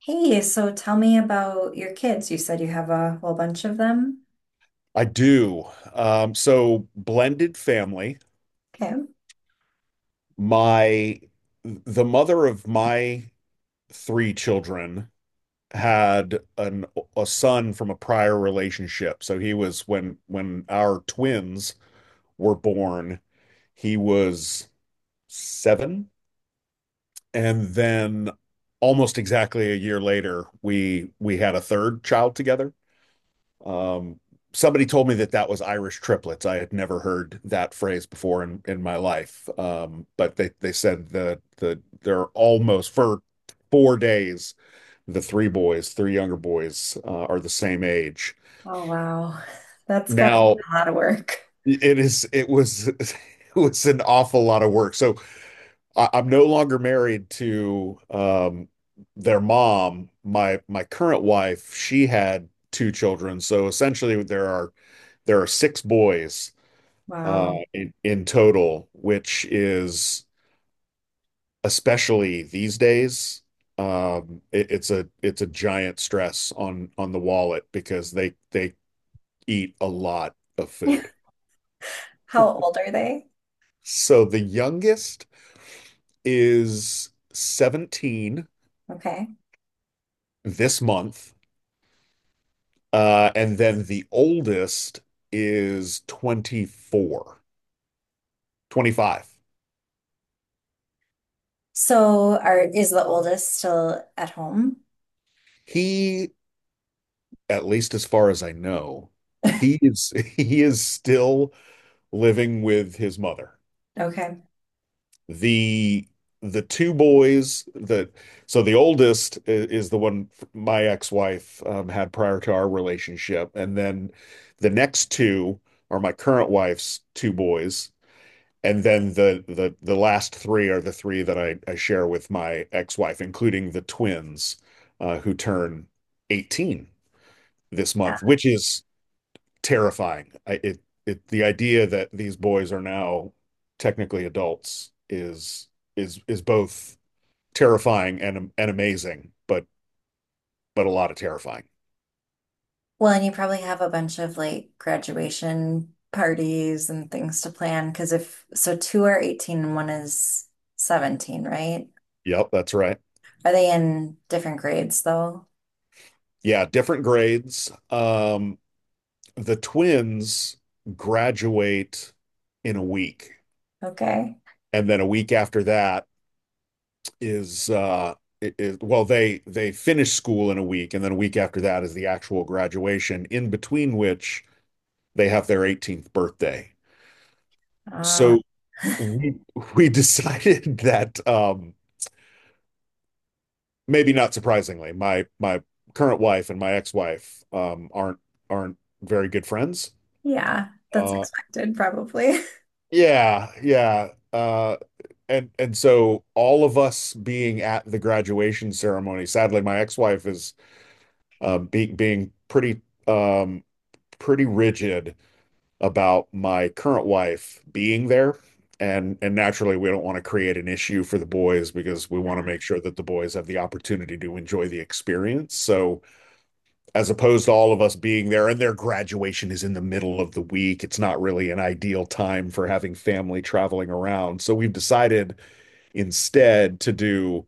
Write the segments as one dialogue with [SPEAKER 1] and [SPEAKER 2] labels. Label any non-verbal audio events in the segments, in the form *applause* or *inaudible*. [SPEAKER 1] Hey, so tell me about your kids. You said you have a whole bunch of them.
[SPEAKER 2] I do. So blended family.
[SPEAKER 1] Okay.
[SPEAKER 2] My The mother of my three children had an a son from a prior relationship. So he was when our twins were born, he was seven, and then almost exactly a year later, we had a third child together. Um, Somebody told me that that was Irish triplets. I had never heard that phrase before in my life. But they said they're almost for 4 days, the three boys, three younger boys, are the same age.
[SPEAKER 1] Oh, wow. *laughs* That's got a
[SPEAKER 2] Now
[SPEAKER 1] lot of work.
[SPEAKER 2] it was, *laughs* it was an awful lot of work. So I'm no longer married to, their mom. My current wife, she had two children. So essentially there are six boys,
[SPEAKER 1] Wow.
[SPEAKER 2] in total, which is, especially these days, it's a giant stress on the wallet because they eat a lot of food.
[SPEAKER 1] *laughs* How old are they?
[SPEAKER 2] So the youngest is 17
[SPEAKER 1] Okay.
[SPEAKER 2] this month, and then the oldest is 24, 25.
[SPEAKER 1] So are is the oldest still at home?
[SPEAKER 2] He, at least as far as I know, he is *laughs* he is still living with his mother.
[SPEAKER 1] Okay.
[SPEAKER 2] The the two boys that So the oldest is the one my ex-wife, had prior to our relationship, and then the next two are my current wife's two boys, and then the last three are the three that I share with my ex-wife, including the twins, who turn 18 this
[SPEAKER 1] Yeah.
[SPEAKER 2] month, which is terrifying. The idea that these boys are now technically adults is both terrifying and amazing, but a lot of terrifying.
[SPEAKER 1] Well, and you probably have a bunch of like graduation parties and things to plan because if so two are 18 and one is 17, right?
[SPEAKER 2] Yep, that's right.
[SPEAKER 1] Are they in different grades though?
[SPEAKER 2] Yeah, different grades. The twins graduate in a week,
[SPEAKER 1] Okay.
[SPEAKER 2] and then a week after that, is is, well, they finish school in a week, and then a week after that is the actual graduation, in between which they have their 18th birthday. So we we *laughs* decided that, maybe not surprisingly, my current wife and my ex-wife, aren't very good friends.
[SPEAKER 1] Yeah, that's
[SPEAKER 2] Uh
[SPEAKER 1] expected probably. *laughs*
[SPEAKER 2] yeah, yeah. And so, all of us being at the graduation ceremony, sadly my ex-wife is, being pretty, um, pretty rigid about my current wife being there. And naturally, we don't want to create an issue for the boys because we want to
[SPEAKER 1] Yeah.
[SPEAKER 2] make sure that the boys have the opportunity to enjoy the experience. So, as opposed to all of us being there, and their graduation is in the middle of the week, it's not really an ideal time for having family traveling around. So, we've decided instead to do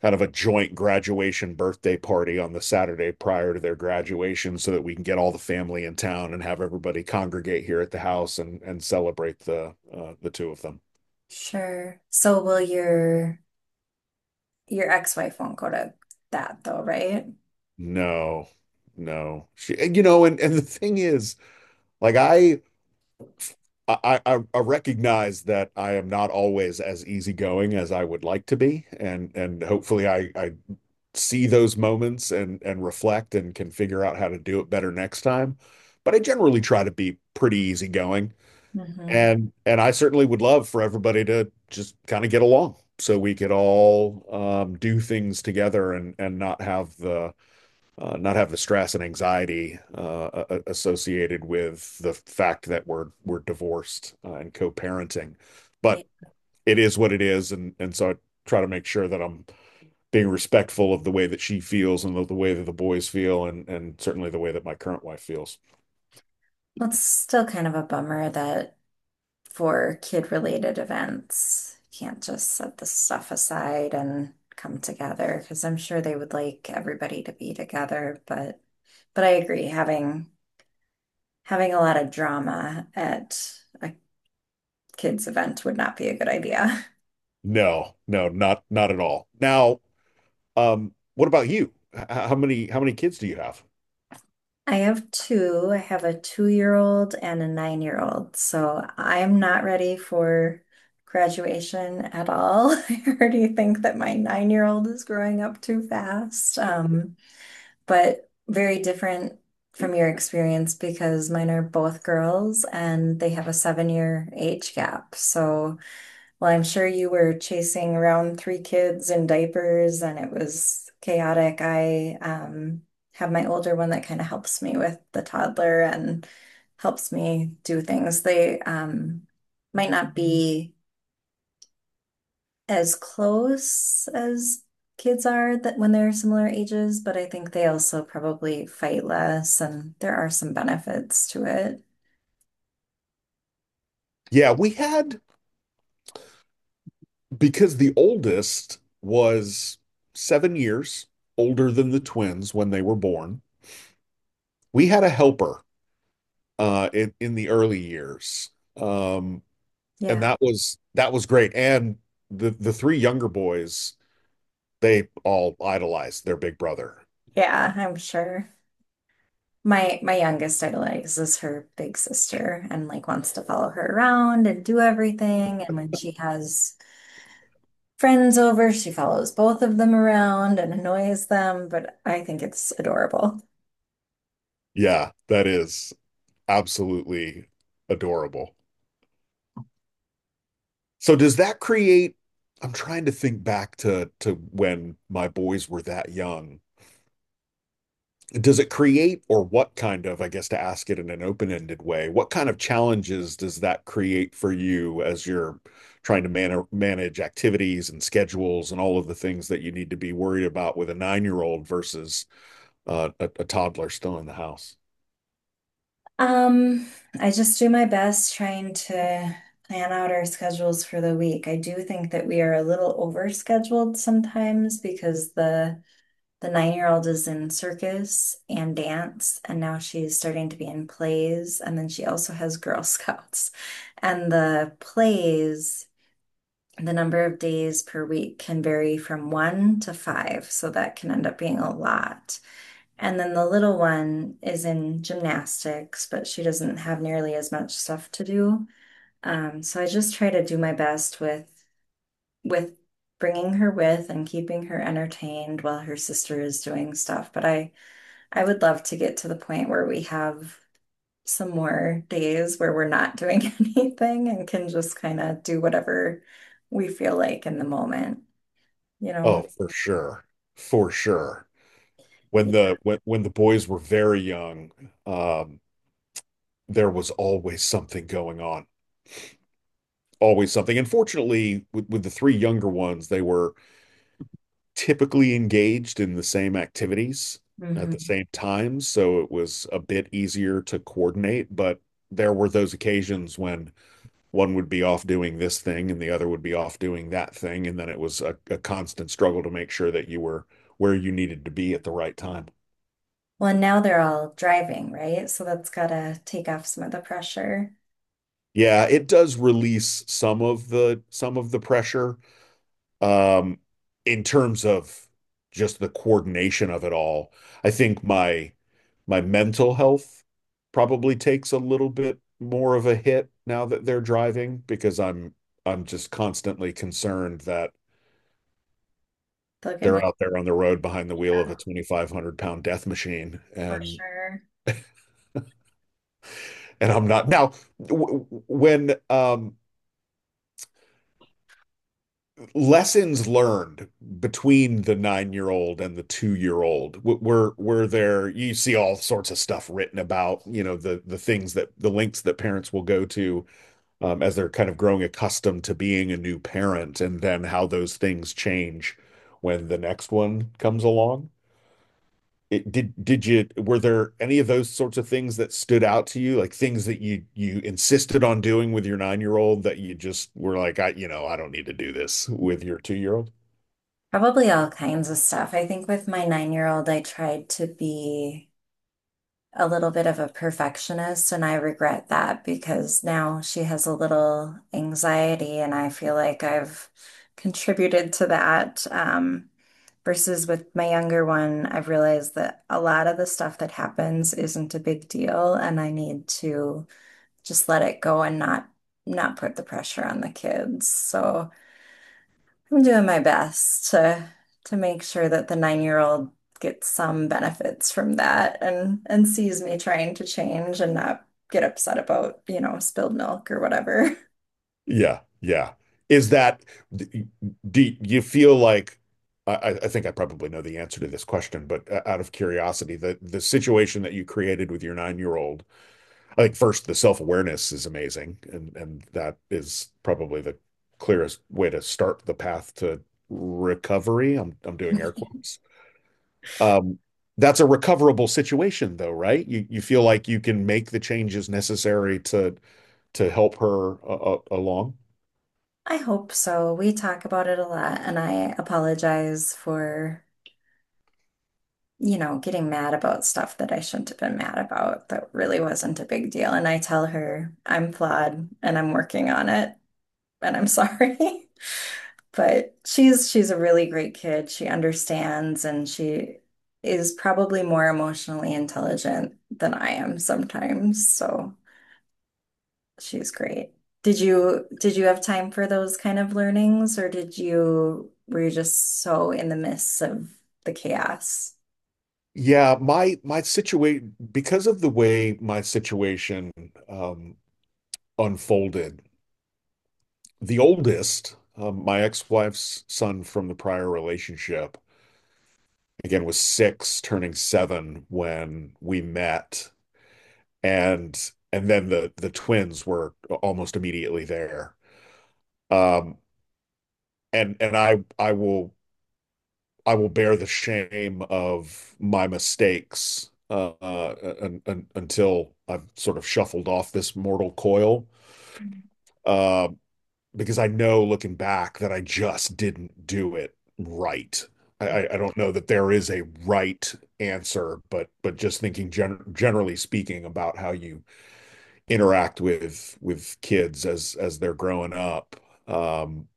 [SPEAKER 2] kind of a joint graduation birthday party on the Saturday prior to their graduation so that we can get all the family in town and have everybody congregate here at the house and celebrate the two of them.
[SPEAKER 1] Sure. So will your ex-wife won't go to that though, right?
[SPEAKER 2] No, no, she, you know, and the thing is, like, I recognize that I am not always as easygoing as I would like to be, and hopefully I see those moments and reflect and can figure out how to do it better next time. But I generally try to be pretty easygoing.
[SPEAKER 1] Mm-hmm.
[SPEAKER 2] And I certainly would love for everybody to just kind of get along so we could all, do things together and not have the stress and anxiety, associated with the fact that we're divorced, and co-parenting.
[SPEAKER 1] Yeah.
[SPEAKER 2] But it is what it is, and so I try to make sure that I'm being respectful of the way that she feels and the way that the boys feel and certainly the way that my current wife feels.
[SPEAKER 1] Well, it's still kind of a bummer that for kid-related events, you can't just set this stuff aside and come together because I'm sure they would like everybody to be together, but I agree having a lot of drama at a kid's event would not be a good idea.
[SPEAKER 2] No, no, not at all. Now, what about you? How many kids do you have?
[SPEAKER 1] I have two. I have a 2-year-old and a 9-year-old. So I'm not ready for graduation at all. *laughs* I already think that my 9-year-old is growing up too fast. But very different from your experience because mine are both girls and they have a 7-year age gap. So well, I'm sure you were chasing around three kids in diapers and it was chaotic. I have my older one that kind of helps me with the toddler and helps me do things. They might not be as close as kids are that when they're similar ages, but I think they also probably fight less and there are some benefits to it.
[SPEAKER 2] Yeah, we had, because the oldest was 7 years older than the twins when they were born. We had a helper, in the early years, um, and
[SPEAKER 1] Yeah.
[SPEAKER 2] that was great. And the three younger boys, they all idolize their big brother.
[SPEAKER 1] Yeah, I'm sure. My youngest idolizes her big sister and like wants to follow her around and do everything. And when she has friends over, she follows both of them around and annoys them, but I think it's adorable.
[SPEAKER 2] Yeah, that is absolutely adorable. So does that create, I'm trying to think back to when my boys were that young. Does it create, or what kind of, I guess to ask it in an open-ended way, what kind of challenges does that create for you as you're trying to manage activities and schedules and all of the things that you need to be worried about with a nine-year-old versus, a toddler still in the house?
[SPEAKER 1] Um, I just do my best trying to plan out our schedules for the week. I do think that we are a little overscheduled sometimes because the 9-year-old is in circus and dance, and now she's starting to be in plays. And then she also has Girl *laughs* Scouts. And the plays, the number of days per week can vary from 1 to 5. So that can end up being a lot. And then the little one is in gymnastics, but she doesn't have nearly as much stuff to do. So I just try to do my best with bringing her with and keeping her entertained while her sister is doing stuff. But I would love to get to the point where we have some more days where we're not doing *laughs* anything and can just kind of do whatever we feel like in the moment, you know?
[SPEAKER 2] Oh, for sure. For sure. When
[SPEAKER 1] Yeah.
[SPEAKER 2] the when when the boys were very young, um, there was always something going on. Always something. And fortunately, with the three younger ones, they were typically engaged in the same activities at the
[SPEAKER 1] Hmm.
[SPEAKER 2] same time, so it was a bit easier to coordinate, but there were those occasions when one would be off doing this thing and the other would be off doing that thing, and then it was a constant struggle to make sure that you were where you needed to be at the right time.
[SPEAKER 1] Well, and now they're all driving, right? So that's gotta take off some of the pressure.
[SPEAKER 2] Yeah, it does release some of the pressure, um, in terms of just the coordination of it all. I think my mental health probably takes a little bit more of a hit now that they're driving because I'm just constantly concerned that
[SPEAKER 1] They'll get
[SPEAKER 2] they're
[SPEAKER 1] it
[SPEAKER 2] out there on the road behind the wheel of a
[SPEAKER 1] out
[SPEAKER 2] 2,500 pound death machine.
[SPEAKER 1] for
[SPEAKER 2] and
[SPEAKER 1] sure.
[SPEAKER 2] and I'm not. Now, when, lessons learned between the nine-year-old and the two-year-old were there, you see all sorts of stuff written about, you know, the lengths that parents will go to, as they're kind of growing accustomed to being a new parent, and then how those things change when the next one comes along. It, did did you, were there any of those sorts of things that stood out to you, like things that you insisted on doing with your nine-year-old that you just were like, I you know, I don't need to do this with your two-year-old?
[SPEAKER 1] Probably all kinds of stuff. I think with my 9-year-old, I tried to be a little bit of a perfectionist, and I regret that because now she has a little anxiety, and I feel like I've contributed to that. Versus with my younger one, I've realized that a lot of the stuff that happens isn't a big deal, and I need to just let it go and not put the pressure on the kids. So I'm doing my best to make sure that the 9-year-old gets some benefits from that and sees me trying to change and not get upset about spilled milk or whatever.
[SPEAKER 2] Yeah, yeah. Is that d- do you feel like, I think I probably know the answer to this question, but, out of curiosity, the situation that you created with your nine-year-old, I think first the self-awareness is amazing, and that is probably the clearest way to start the path to recovery. I'm doing air quotes. Um, that's a recoverable situation though, right? You feel like you can make the changes necessary to help her, along.
[SPEAKER 1] *laughs* I hope so. We talk about it a lot, and I apologize for getting mad about stuff that I shouldn't have been mad about that really wasn't a big deal. And I tell her I'm flawed and I'm working on it, and I'm sorry. *laughs* But she's a really great kid. She understands and she is probably more emotionally intelligent than I am sometimes. So she's great. Did you have time for those kind of learnings or did you were you just so in the midst of the chaos?
[SPEAKER 2] Yeah, my situation, because of the way my situation, um, unfolded, the oldest, my ex-wife's son from the prior relationship, again was six, turning seven when we met, and then the twins were almost immediately there. Um, and I will bear the shame of my mistakes, un un until I've sort of shuffled off this mortal coil. Uh, because I know, looking back, that I just didn't do it right. I don't know that there is a right answer, but just thinking generally speaking about how you interact with kids as they're growing up, um,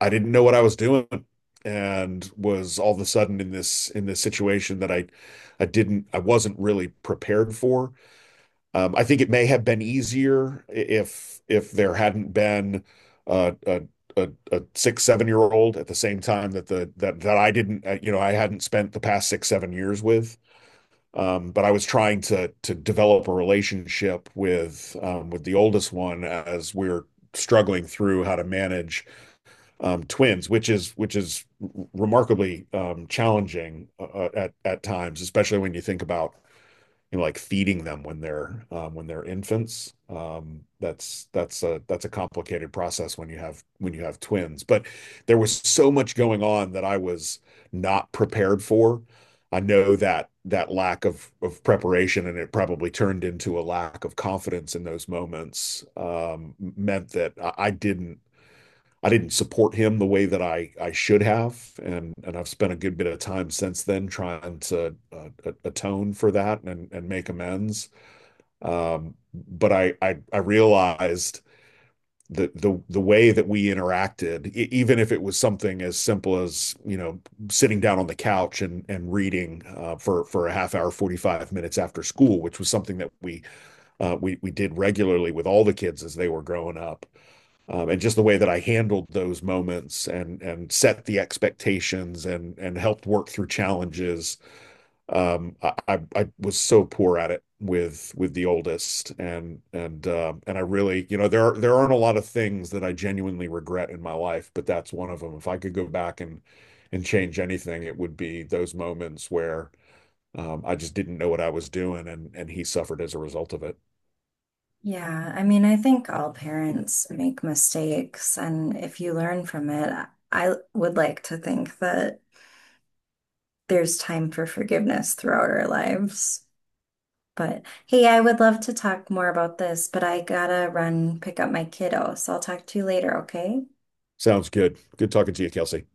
[SPEAKER 2] I didn't know what I was doing and was all of a sudden in this situation that I wasn't really prepared for. I think it may have been easier if there hadn't been, uh, a a 6, 7 year old at the same time that the that that I didn't, you know, I hadn't spent the past 6, 7 years with. But I was trying to develop a relationship with, with the oldest one as we're struggling through how to manage, twins, which is remarkably, challenging, at times, especially when you think about, you know, like feeding them when they're, infants. That's a complicated process when you have twins. But there was so much going on that I was not prepared for. I know that that lack of preparation, and it probably turned into a lack of confidence in those moments, meant that I didn't support him the way that I should have, and I've spent a good bit of time since then trying to, atone for that and make amends. But I realized, the way that we interacted, even if it was something as simple as, sitting down on the couch and reading, for a half hour, 45 minutes after school, which was something that we did regularly with all the kids as they were growing up, and just the way that I handled those moments and set the expectations and helped work through challenges. I was so poor at it with the oldest, and I really, you know, there aren't a lot of things that I genuinely regret in my life, but that's one of them. If I could go back and change anything, it would be those moments where, I just didn't know what I was doing, and he suffered as a result of it.
[SPEAKER 1] Yeah, I mean, I think all parents make mistakes, and if you learn from it, I would like to think that there's time for forgiveness throughout our lives. But hey, I would love to talk more about this, but I gotta run pick up my kiddo. So I'll talk to you later, okay?
[SPEAKER 2] Sounds good. Good talking to you, Kelsey.